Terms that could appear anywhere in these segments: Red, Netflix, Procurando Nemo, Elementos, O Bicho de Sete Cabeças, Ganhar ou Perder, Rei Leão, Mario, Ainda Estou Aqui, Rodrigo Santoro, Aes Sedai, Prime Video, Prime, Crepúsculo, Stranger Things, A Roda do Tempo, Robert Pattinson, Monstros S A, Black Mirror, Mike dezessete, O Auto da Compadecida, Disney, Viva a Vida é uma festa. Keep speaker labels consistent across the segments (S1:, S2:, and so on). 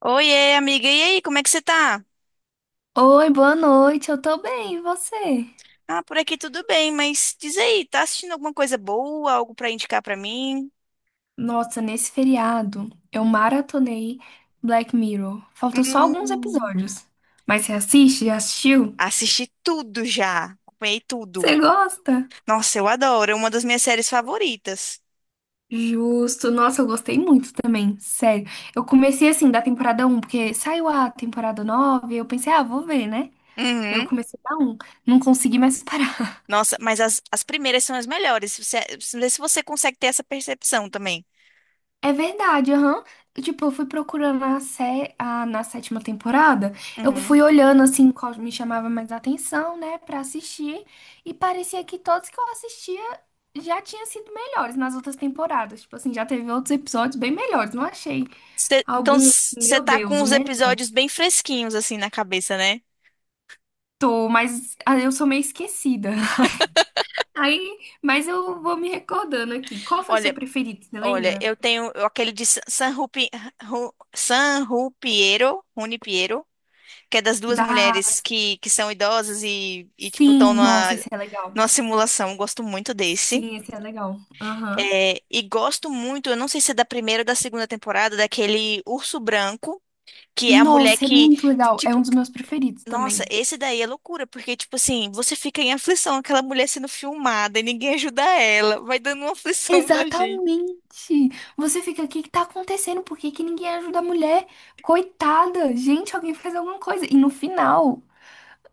S1: Oiê, amiga, e aí, como é que você tá?
S2: Oi, boa noite, eu tô bem, e você?
S1: Ah, por aqui tudo bem, mas diz aí, tá assistindo alguma coisa boa, algo pra indicar pra mim?
S2: Nossa, nesse feriado eu maratonei Black Mirror. Faltam só alguns
S1: Hum,
S2: episódios. Mas você assiste? Já assistiu?
S1: assisti tudo já, acompanhei
S2: Você
S1: tudo.
S2: gosta?
S1: Nossa, eu adoro, é uma das minhas séries favoritas.
S2: Justo. Nossa, eu gostei muito também, sério. Eu comecei assim da temporada um porque saiu a temporada 9. Eu pensei, ah, vou ver, né? Eu
S1: Uhum.
S2: comecei da um. Não consegui mais parar.
S1: Nossa, mas as primeiras são as melhores, você, vê se você consegue ter essa percepção também.
S2: É verdade, aham. Tipo, eu fui procurando na sétima temporada, eu
S1: Uhum.
S2: fui olhando assim qual me chamava mais atenção, né, pra assistir, e parecia que todos que eu assistia já tinham sido melhores nas outras temporadas. Tipo assim, já teve outros episódios bem melhores, não achei
S1: Então,
S2: algum,
S1: você
S2: meu
S1: tá
S2: Deus,
S1: com
S2: o
S1: os
S2: melhor.
S1: episódios bem fresquinhos assim na cabeça, né?
S2: Tô, mas ah, eu sou meio esquecida. Aí, mas eu vou me recordando aqui. Qual foi o seu
S1: Olha,
S2: preferido, você
S1: olha,
S2: lembra?
S1: aquele de San San Rupi, Ru- San Rupiero, Rune Piero, que é das duas
S2: Da.
S1: mulheres que são idosas e tipo,
S2: Sim,
S1: estão numa,
S2: nossa, esse é legal.
S1: numa simulação. Eu gosto muito desse.
S2: Sim, esse é legal. Aham.
S1: É, e gosto muito, eu não sei se é da primeira ou da segunda temporada, daquele Urso Branco, que é a mulher
S2: Nossa, é
S1: que,
S2: muito legal. É um
S1: tipo,
S2: dos meus preferidos
S1: nossa,
S2: também.
S1: esse daí é loucura, porque, tipo assim, você fica em aflição, aquela mulher sendo filmada e ninguém ajuda ela, vai dando uma aflição na gente.
S2: Exatamente. Você fica, o que que tá acontecendo? Por que que ninguém ajuda a mulher? Coitada. Gente, alguém faz alguma coisa. E no final,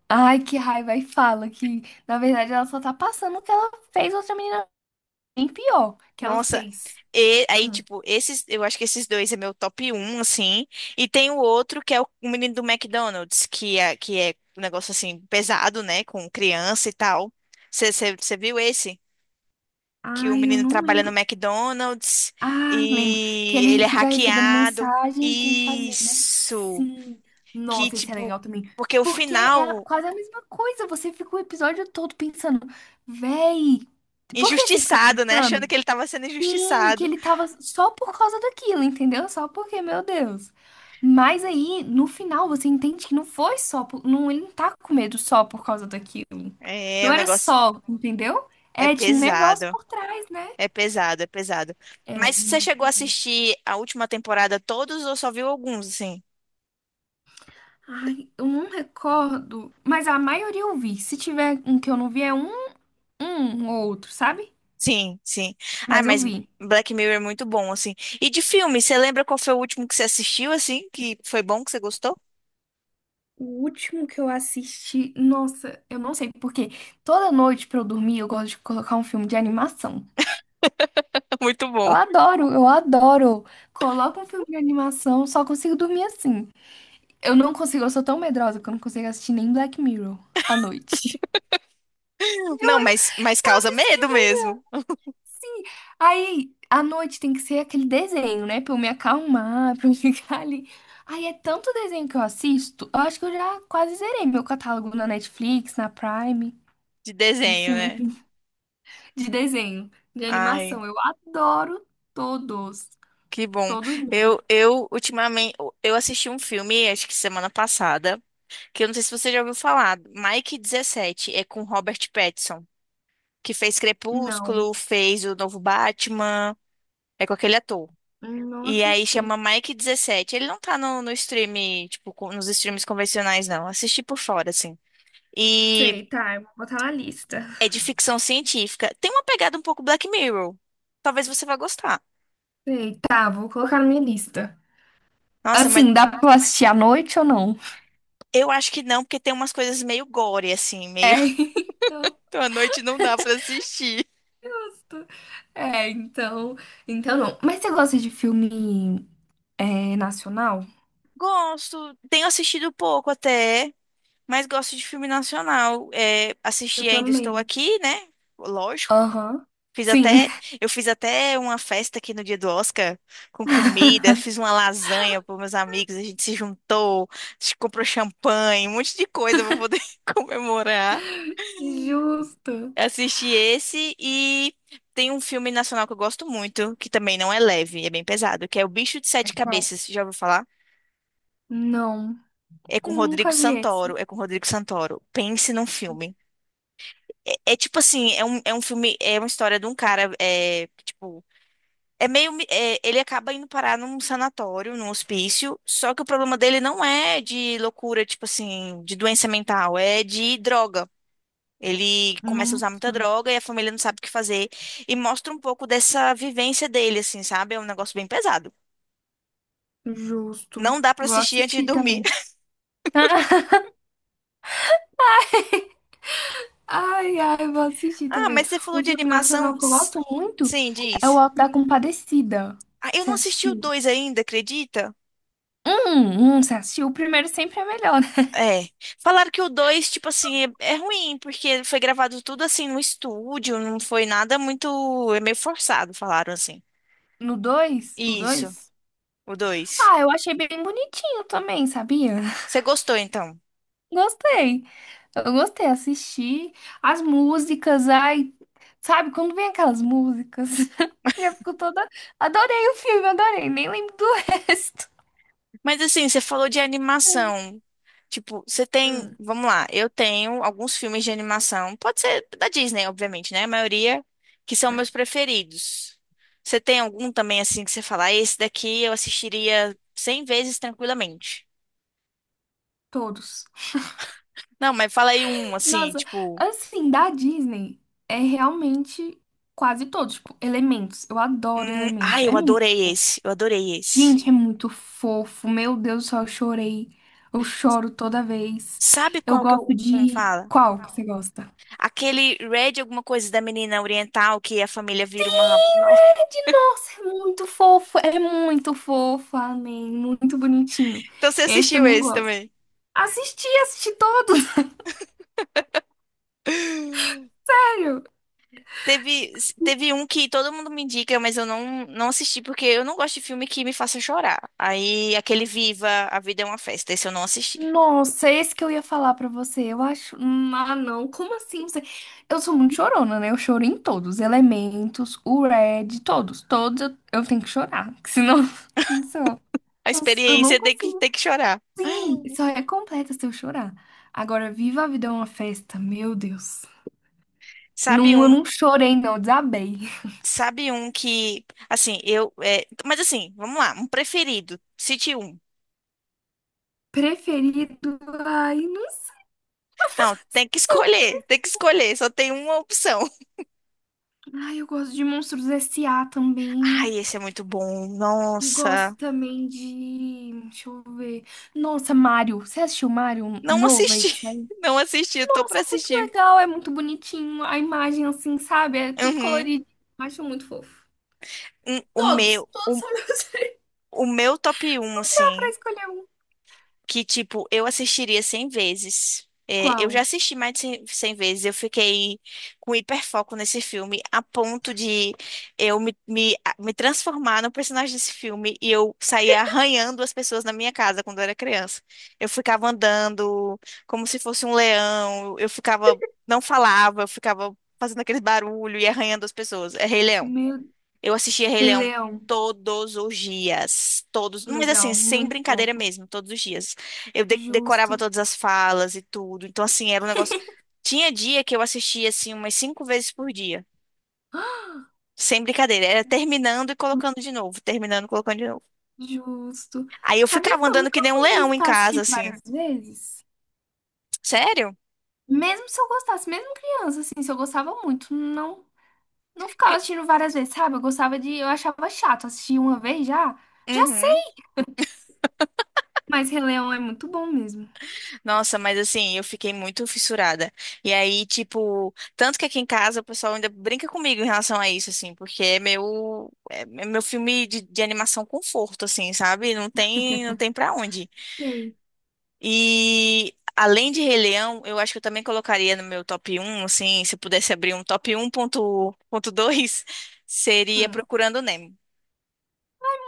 S2: ai, que raiva. E fala que, na verdade, ela só tá passando o que ela fez outra menina bem pior que ela
S1: Nossa,
S2: fez.
S1: e aí,
S2: Hum.
S1: tipo, esses, eu acho que esses dois é meu top um assim. E tem o outro que é o menino do McDonald's, que é um negócio assim, pesado, né? Com criança e tal. Você viu esse? Que o
S2: Ai, eu
S1: menino
S2: não
S1: trabalha no
S2: lembro.
S1: McDonald's
S2: Ah, lembro. Que
S1: e ele
S2: ele
S1: é
S2: fica recebendo
S1: hackeado.
S2: mensagem e tem que fazer, né?
S1: Isso!
S2: Sim.
S1: Que,
S2: Nossa, esse é
S1: tipo,
S2: legal também.
S1: porque o
S2: Porque é
S1: final,
S2: quase a mesma coisa. Você fica o episódio todo pensando, véi, por que você fica
S1: injustiçado, né? Achando
S2: pensando?
S1: que ele tava sendo
S2: Sim, que
S1: injustiçado.
S2: ele tava só por causa daquilo, entendeu? Só porque, meu Deus. Mas aí, no final, você entende que não foi só por... Não, ele não tá com medo só por causa daquilo.
S1: É,
S2: Não
S1: o
S2: era
S1: negócio
S2: só, entendeu?
S1: é
S2: É, tinha um negócio
S1: pesado.
S2: por trás, né?
S1: É pesado, é pesado.
S2: É,
S1: Mas você
S2: muito
S1: chegou a
S2: pesado.
S1: assistir a última temporada todos ou só viu alguns, assim?
S2: Ai, eu não recordo, mas a maioria eu vi. Se tiver um que eu não vi, é um, um ou outro, sabe?
S1: Sim, sim. Ah,
S2: Mas eu
S1: mas
S2: vi.
S1: Black Mirror é muito bom, assim. E de filme, você lembra qual foi o último que você assistiu, assim? Que foi bom, que você gostou?
S2: O último que eu assisti, nossa, eu não sei porque toda noite pra eu dormir eu gosto de colocar um filme de animação.
S1: Muito
S2: Eu
S1: bom.
S2: adoro, eu adoro. Coloco um filme de animação, só consigo dormir assim. Eu não consigo, eu sou tão medrosa que eu não consigo assistir nem Black Mirror à noite.
S1: Não,
S2: Juro,
S1: mas causa medo
S2: isso.
S1: mesmo.
S2: Sim. Aí, à noite tem que ser aquele desenho, né? Pra eu me acalmar, pra eu ficar ali. Aí é tanto desenho que eu assisto, eu acho que eu já quase zerei meu catálogo na Netflix, na Prime,
S1: De
S2: de
S1: desenho,
S2: filme,
S1: né?
S2: assim, de desenho, de
S1: Ai,
S2: animação. Eu adoro todos.
S1: que bom.
S2: Todos mesmo.
S1: Ultimamente, eu assisti um filme, acho que semana passada, que eu não sei se você já ouviu falar, Mike dezessete é com Robert Pattinson. Que fez
S2: Não,
S1: Crepúsculo, fez o novo Batman, é com aquele ator.
S2: não
S1: E aí
S2: assisti.
S1: chama Mike dezessete. Ele não tá no stream, tipo, nos streams convencionais, não. Assisti por fora, assim. E
S2: Sei, tá, eu vou botar na lista.
S1: é de ficção científica. Tem uma pegada um pouco Black Mirror. Talvez você vá gostar.
S2: Sei, tá, vou colocar na minha lista.
S1: Nossa, mas
S2: Assim, dá pra eu assistir à noite ou não?
S1: eu acho que não, porque tem umas coisas meio gore, assim, meio.
S2: É, então.
S1: Então à noite não dá pra assistir.
S2: É, então. Então não. Mas você gosta de filme, é, nacional?
S1: Gosto, tenho assistido pouco até, mas gosto de filme nacional. É,
S2: Eu
S1: assisti Ainda Estou
S2: também.
S1: Aqui, né? Lógico.
S2: Aham.
S1: Fiz
S2: Sim.
S1: até, eu fiz até uma festa aqui no dia do Oscar com comida, fiz uma lasanha para meus amigos, a gente se juntou, a gente comprou champanhe, um monte de coisa para poder comemorar.
S2: Justo.
S1: Assisti esse e tem um filme nacional que eu gosto muito, que também não é leve, é bem pesado, que é O Bicho de
S2: É
S1: Sete
S2: qual?
S1: Cabeças, já ouviu falar?
S2: Não,
S1: É com Rodrigo
S2: nunca vi esse.
S1: Santoro, é com Rodrigo Santoro. Pense num filme. É, é tipo assim, é um filme, é uma história de um cara, é, tipo, é meio, ele acaba indo parar num sanatório, num hospício, só que o problema dele não é de loucura, tipo assim, de doença mental, é de droga. Ele começa a usar muita
S2: Nunca.
S1: droga e a família não sabe o que fazer e mostra um pouco dessa vivência dele, assim, sabe? É um negócio bem pesado.
S2: Justo.
S1: Não dá pra
S2: Vou
S1: assistir antes de
S2: assistir
S1: dormir.
S2: também. Ai, ai, vou assistir
S1: Ah,
S2: também.
S1: mas você falou
S2: Um
S1: de
S2: filme nacional
S1: animação?
S2: que eu gosto muito
S1: Sim,
S2: é O
S1: diz.
S2: Auto da Compadecida.
S1: Ah, eu
S2: Você
S1: não assisti o
S2: assistiu?
S1: dois ainda, acredita?
S2: Você assistiu? O primeiro sempre é melhor, né?
S1: É. Falaram que o 2 tipo assim, é ruim, porque foi gravado tudo assim no estúdio, não foi nada muito. É meio forçado, falaram assim.
S2: No dois. O
S1: Isso,
S2: 2.
S1: o dois.
S2: Ah, eu achei bem bonitinho também, sabia?
S1: Você gostou então?
S2: Gostei. Eu gostei, assisti as músicas, ai, sabe, quando vem aquelas músicas, eu já fico toda. Adorei o filme, adorei, nem lembro do resto.
S1: Mas assim, você falou de
S2: Ai,
S1: animação. Tipo, você tem.
S2: Hum,
S1: Vamos lá, eu tenho alguns filmes de animação. Pode ser da Disney, obviamente, né? A maioria que são
S2: tá,
S1: meus preferidos. Você tem algum também assim que você fala, "Ah, esse daqui eu assistiria 100 vezes tranquilamente?"
S2: todos.
S1: Não, mas fala aí um, assim,
S2: Nossa,
S1: tipo.
S2: assim, da Disney é realmente quase todos, tipo, Elementos. Eu adoro Elementos,
S1: Ai,
S2: é
S1: eu
S2: muito.
S1: adorei esse. Eu adorei esse.
S2: Gente, é muito fofo. Meu Deus do céu, eu chorei. Eu choro toda vez.
S1: Sabe
S2: Eu
S1: qual que
S2: gosto
S1: eu não
S2: de.
S1: fala?
S2: Qual que você gosta?
S1: Aquele Red alguma coisa da menina oriental que a família vira uma. Nossa.
S2: Red, nossa, é muito fofo. É muito fofo, amém. Muito bonitinho.
S1: Então você
S2: Esse
S1: assistiu
S2: também eu
S1: esse
S2: gosto.
S1: também?
S2: Assisti todos, sério.
S1: Teve, teve um que todo mundo me indica, mas eu não, não assisti porque eu não gosto de filme que me faça chorar. Aí aquele Viva, A Vida é uma Festa, esse eu não assisti.
S2: Nossa, esse que eu ia falar pra você. Eu acho. Ah, não. Como assim? Você... Eu sou muito chorona, né? Eu choro em todos. Elementos, o Red, todos. Todos eu tenho que chorar. Que senão, não sei. Eu
S1: A
S2: eu não
S1: experiência
S2: consigo.
S1: tem que chorar.
S2: Não. Só é completa se eu chorar. Agora, Viva a Vida é uma festa, meu Deus.
S1: Sabe
S2: Não, eu
S1: um,
S2: não chorei, não, eu desabei.
S1: sabe um que, assim, eu, é, mas assim, vamos lá, um preferido, cite um.
S2: Preferido, ai, não
S1: Não,
S2: sei.
S1: tem que escolher, só tem uma opção.
S2: Ai, eu gosto de Monstros S.A. também.
S1: Ai, esse é muito bom.
S2: E gosto
S1: Nossa,
S2: também de. Deixa eu ver. Nossa, Mario. Você assistiu Mario um
S1: não
S2: novo aí
S1: assisti,
S2: que saiu?
S1: não assisti, eu tô
S2: Nossa,
S1: pra
S2: é muito
S1: assistir.
S2: legal, é muito bonitinho. A imagem, assim, sabe? É tudo
S1: Uhum.
S2: colorido. Acho muito fofo.
S1: Hum, O
S2: Todos,
S1: meu,
S2: todos
S1: o,
S2: são meus.
S1: o meu top um,
S2: Dá pra
S1: assim,
S2: escolher um.
S1: que, tipo, eu assistiria 100 vezes. É, eu já
S2: Qual?
S1: assisti mais de 100 100 vezes. Eu fiquei com hiperfoco nesse filme, a ponto de eu me, me, a- me transformar no personagem desse filme e eu saía arranhando as pessoas na minha casa quando eu era criança. Eu ficava andando como se fosse um leão, eu ficava, não falava, eu ficava fazendo aquele barulho e arranhando as pessoas. É Rei Leão.
S2: Meu
S1: Eu assistia Rei
S2: Rei
S1: Leão
S2: Leão,
S1: todos os dias, todos, mas assim,
S2: legal,
S1: sem
S2: muito
S1: brincadeira
S2: fofo.
S1: mesmo, todos os dias. Eu decorava
S2: Justo,
S1: todas as falas e tudo. Então assim, era um negócio. Tinha dia que eu assistia assim umas cinco vezes por dia.
S2: Ah,
S1: Sem brincadeira, era terminando e colocando de novo, terminando e colocando de novo.
S2: justo.
S1: Aí eu
S2: Sabia
S1: ficava
S2: que eu
S1: andando que
S2: nunca
S1: nem um
S2: fui de
S1: leão em
S2: ficar
S1: casa,
S2: assistindo
S1: assim.
S2: várias vezes?
S1: Sério?
S2: Mesmo se eu gostasse, mesmo criança, assim, se eu gostava muito, não, não ficava
S1: Que-
S2: assistindo várias vezes, sabe? Eu gostava de, eu achava chato assistir uma vez já, já
S1: Uhum.
S2: sei. Mas Rei Leão é muito bom mesmo.
S1: Nossa, mas assim, eu fiquei muito fissurada. E aí, tipo, tanto que aqui em casa o pessoal ainda brinca comigo em relação a isso, assim, porque é meu, é meu filme de animação conforto, assim, sabe? Não tem, não tem pra onde.
S2: Sei.
S1: E além de Rei Leão, eu acho que eu também colocaria no meu top um, assim, se eu pudesse abrir um top um ponto dois seria
S2: Hum.
S1: Procurando Nemo.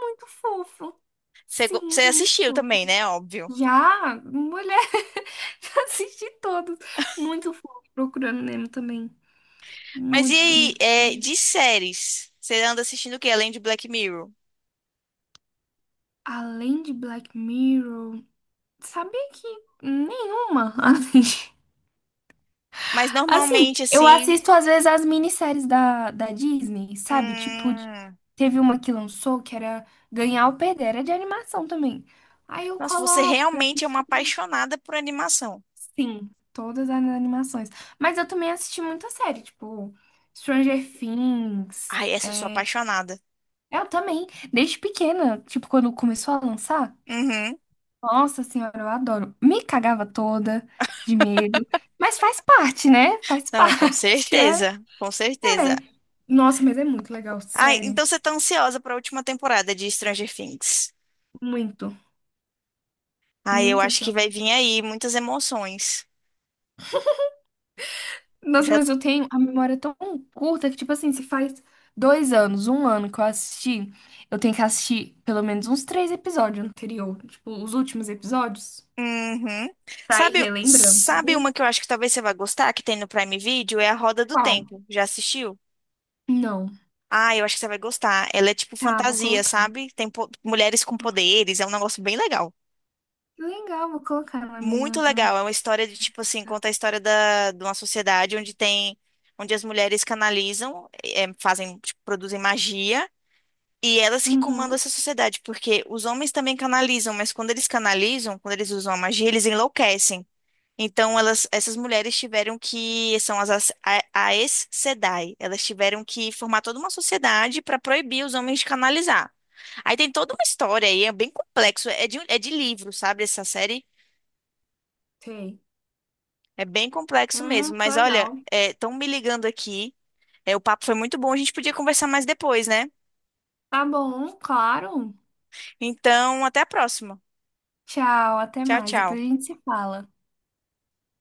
S2: Muito fofo. Sim,
S1: Você
S2: muito
S1: assistiu também,
S2: fofo.
S1: né? Óbvio.
S2: Já, mulher, já assisti todos. Muito fofo. Procurando Nemo também.
S1: Mas e
S2: Muito
S1: aí, é,
S2: bonitinho.
S1: de séries? Você anda assistindo o quê? Além de Black Mirror?
S2: Além de Black Mirror, sabia que nenhuma. Assim,
S1: Mas
S2: assim,
S1: normalmente,
S2: eu
S1: assim.
S2: assisto às vezes as minisséries da Disney, sabe? Tipo,
S1: Hum...
S2: teve uma que lançou que era Ganhar ou Perder, era de animação também. Aí eu
S1: Nossa, você
S2: coloco pra
S1: realmente é uma
S2: assistir.
S1: apaixonada por animação.
S2: Sim, todas as animações. Mas eu também assisti muita série, tipo, Stranger Things.
S1: Ai, essa eu sou apaixonada.
S2: Eu também, desde pequena, tipo, quando começou a lançar.
S1: Uhum.
S2: Nossa senhora, eu adoro. Me cagava toda de medo, mas faz parte, né? Faz
S1: Não, com
S2: parte.
S1: certeza. Com
S2: É,
S1: certeza.
S2: é. Nossa, mas é muito legal,
S1: Ai,
S2: sério.
S1: então você tá ansiosa pra última temporada de Stranger Things.
S2: Muito,
S1: Ai, eu
S2: muito
S1: acho que vai
S2: ansiosa.
S1: vir aí muitas emoções.
S2: Nossa,
S1: Já.
S2: mas eu tenho a memória tão curta que, tipo assim, se faz 2 anos, um ano que eu assisti, eu tenho que assistir pelo menos uns três episódios anterior, tipo, os últimos episódios,
S1: Uhum.
S2: pra ir
S1: Sabe,
S2: relembrando,
S1: sabe
S2: sabia?
S1: uma que eu acho que talvez você vá gostar, que tem no Prime Video? É A Roda do
S2: Qual?
S1: Tempo. Já assistiu?
S2: Não.
S1: Ah, eu acho que você vai gostar. Ela é tipo
S2: Tá, vou
S1: fantasia,
S2: colocar.
S1: sabe? Tem mulheres com poderes, é um negócio bem legal.
S2: Que legal, vou colocar na
S1: Muito
S2: minha.
S1: legal. É uma história de tipo assim, conta a história de uma sociedade onde tem, onde as mulheres canalizam, fazem, tipo, produzem magia. E elas que comandam
S2: Uhum.
S1: essa sociedade, porque os homens também canalizam, mas quando eles canalizam, quando eles usam a magia, eles enlouquecem. Então, elas, essas mulheres tiveram que, são Aes Sedai, elas tiveram que formar toda uma sociedade para proibir os homens de canalizar. Aí tem toda uma história aí, é bem complexo, é de livro, sabe, essa série?
S2: Sei.
S1: É bem complexo
S2: Hum,
S1: mesmo,
S2: que
S1: mas olha,
S2: legal.
S1: estão me ligando aqui, é, o papo foi muito bom, a gente podia conversar mais depois, né?
S2: Tá bom, claro.
S1: Então, até a próxima.
S2: Tchau, até
S1: Tchau,
S2: mais. Depois
S1: tchau.
S2: a gente se fala.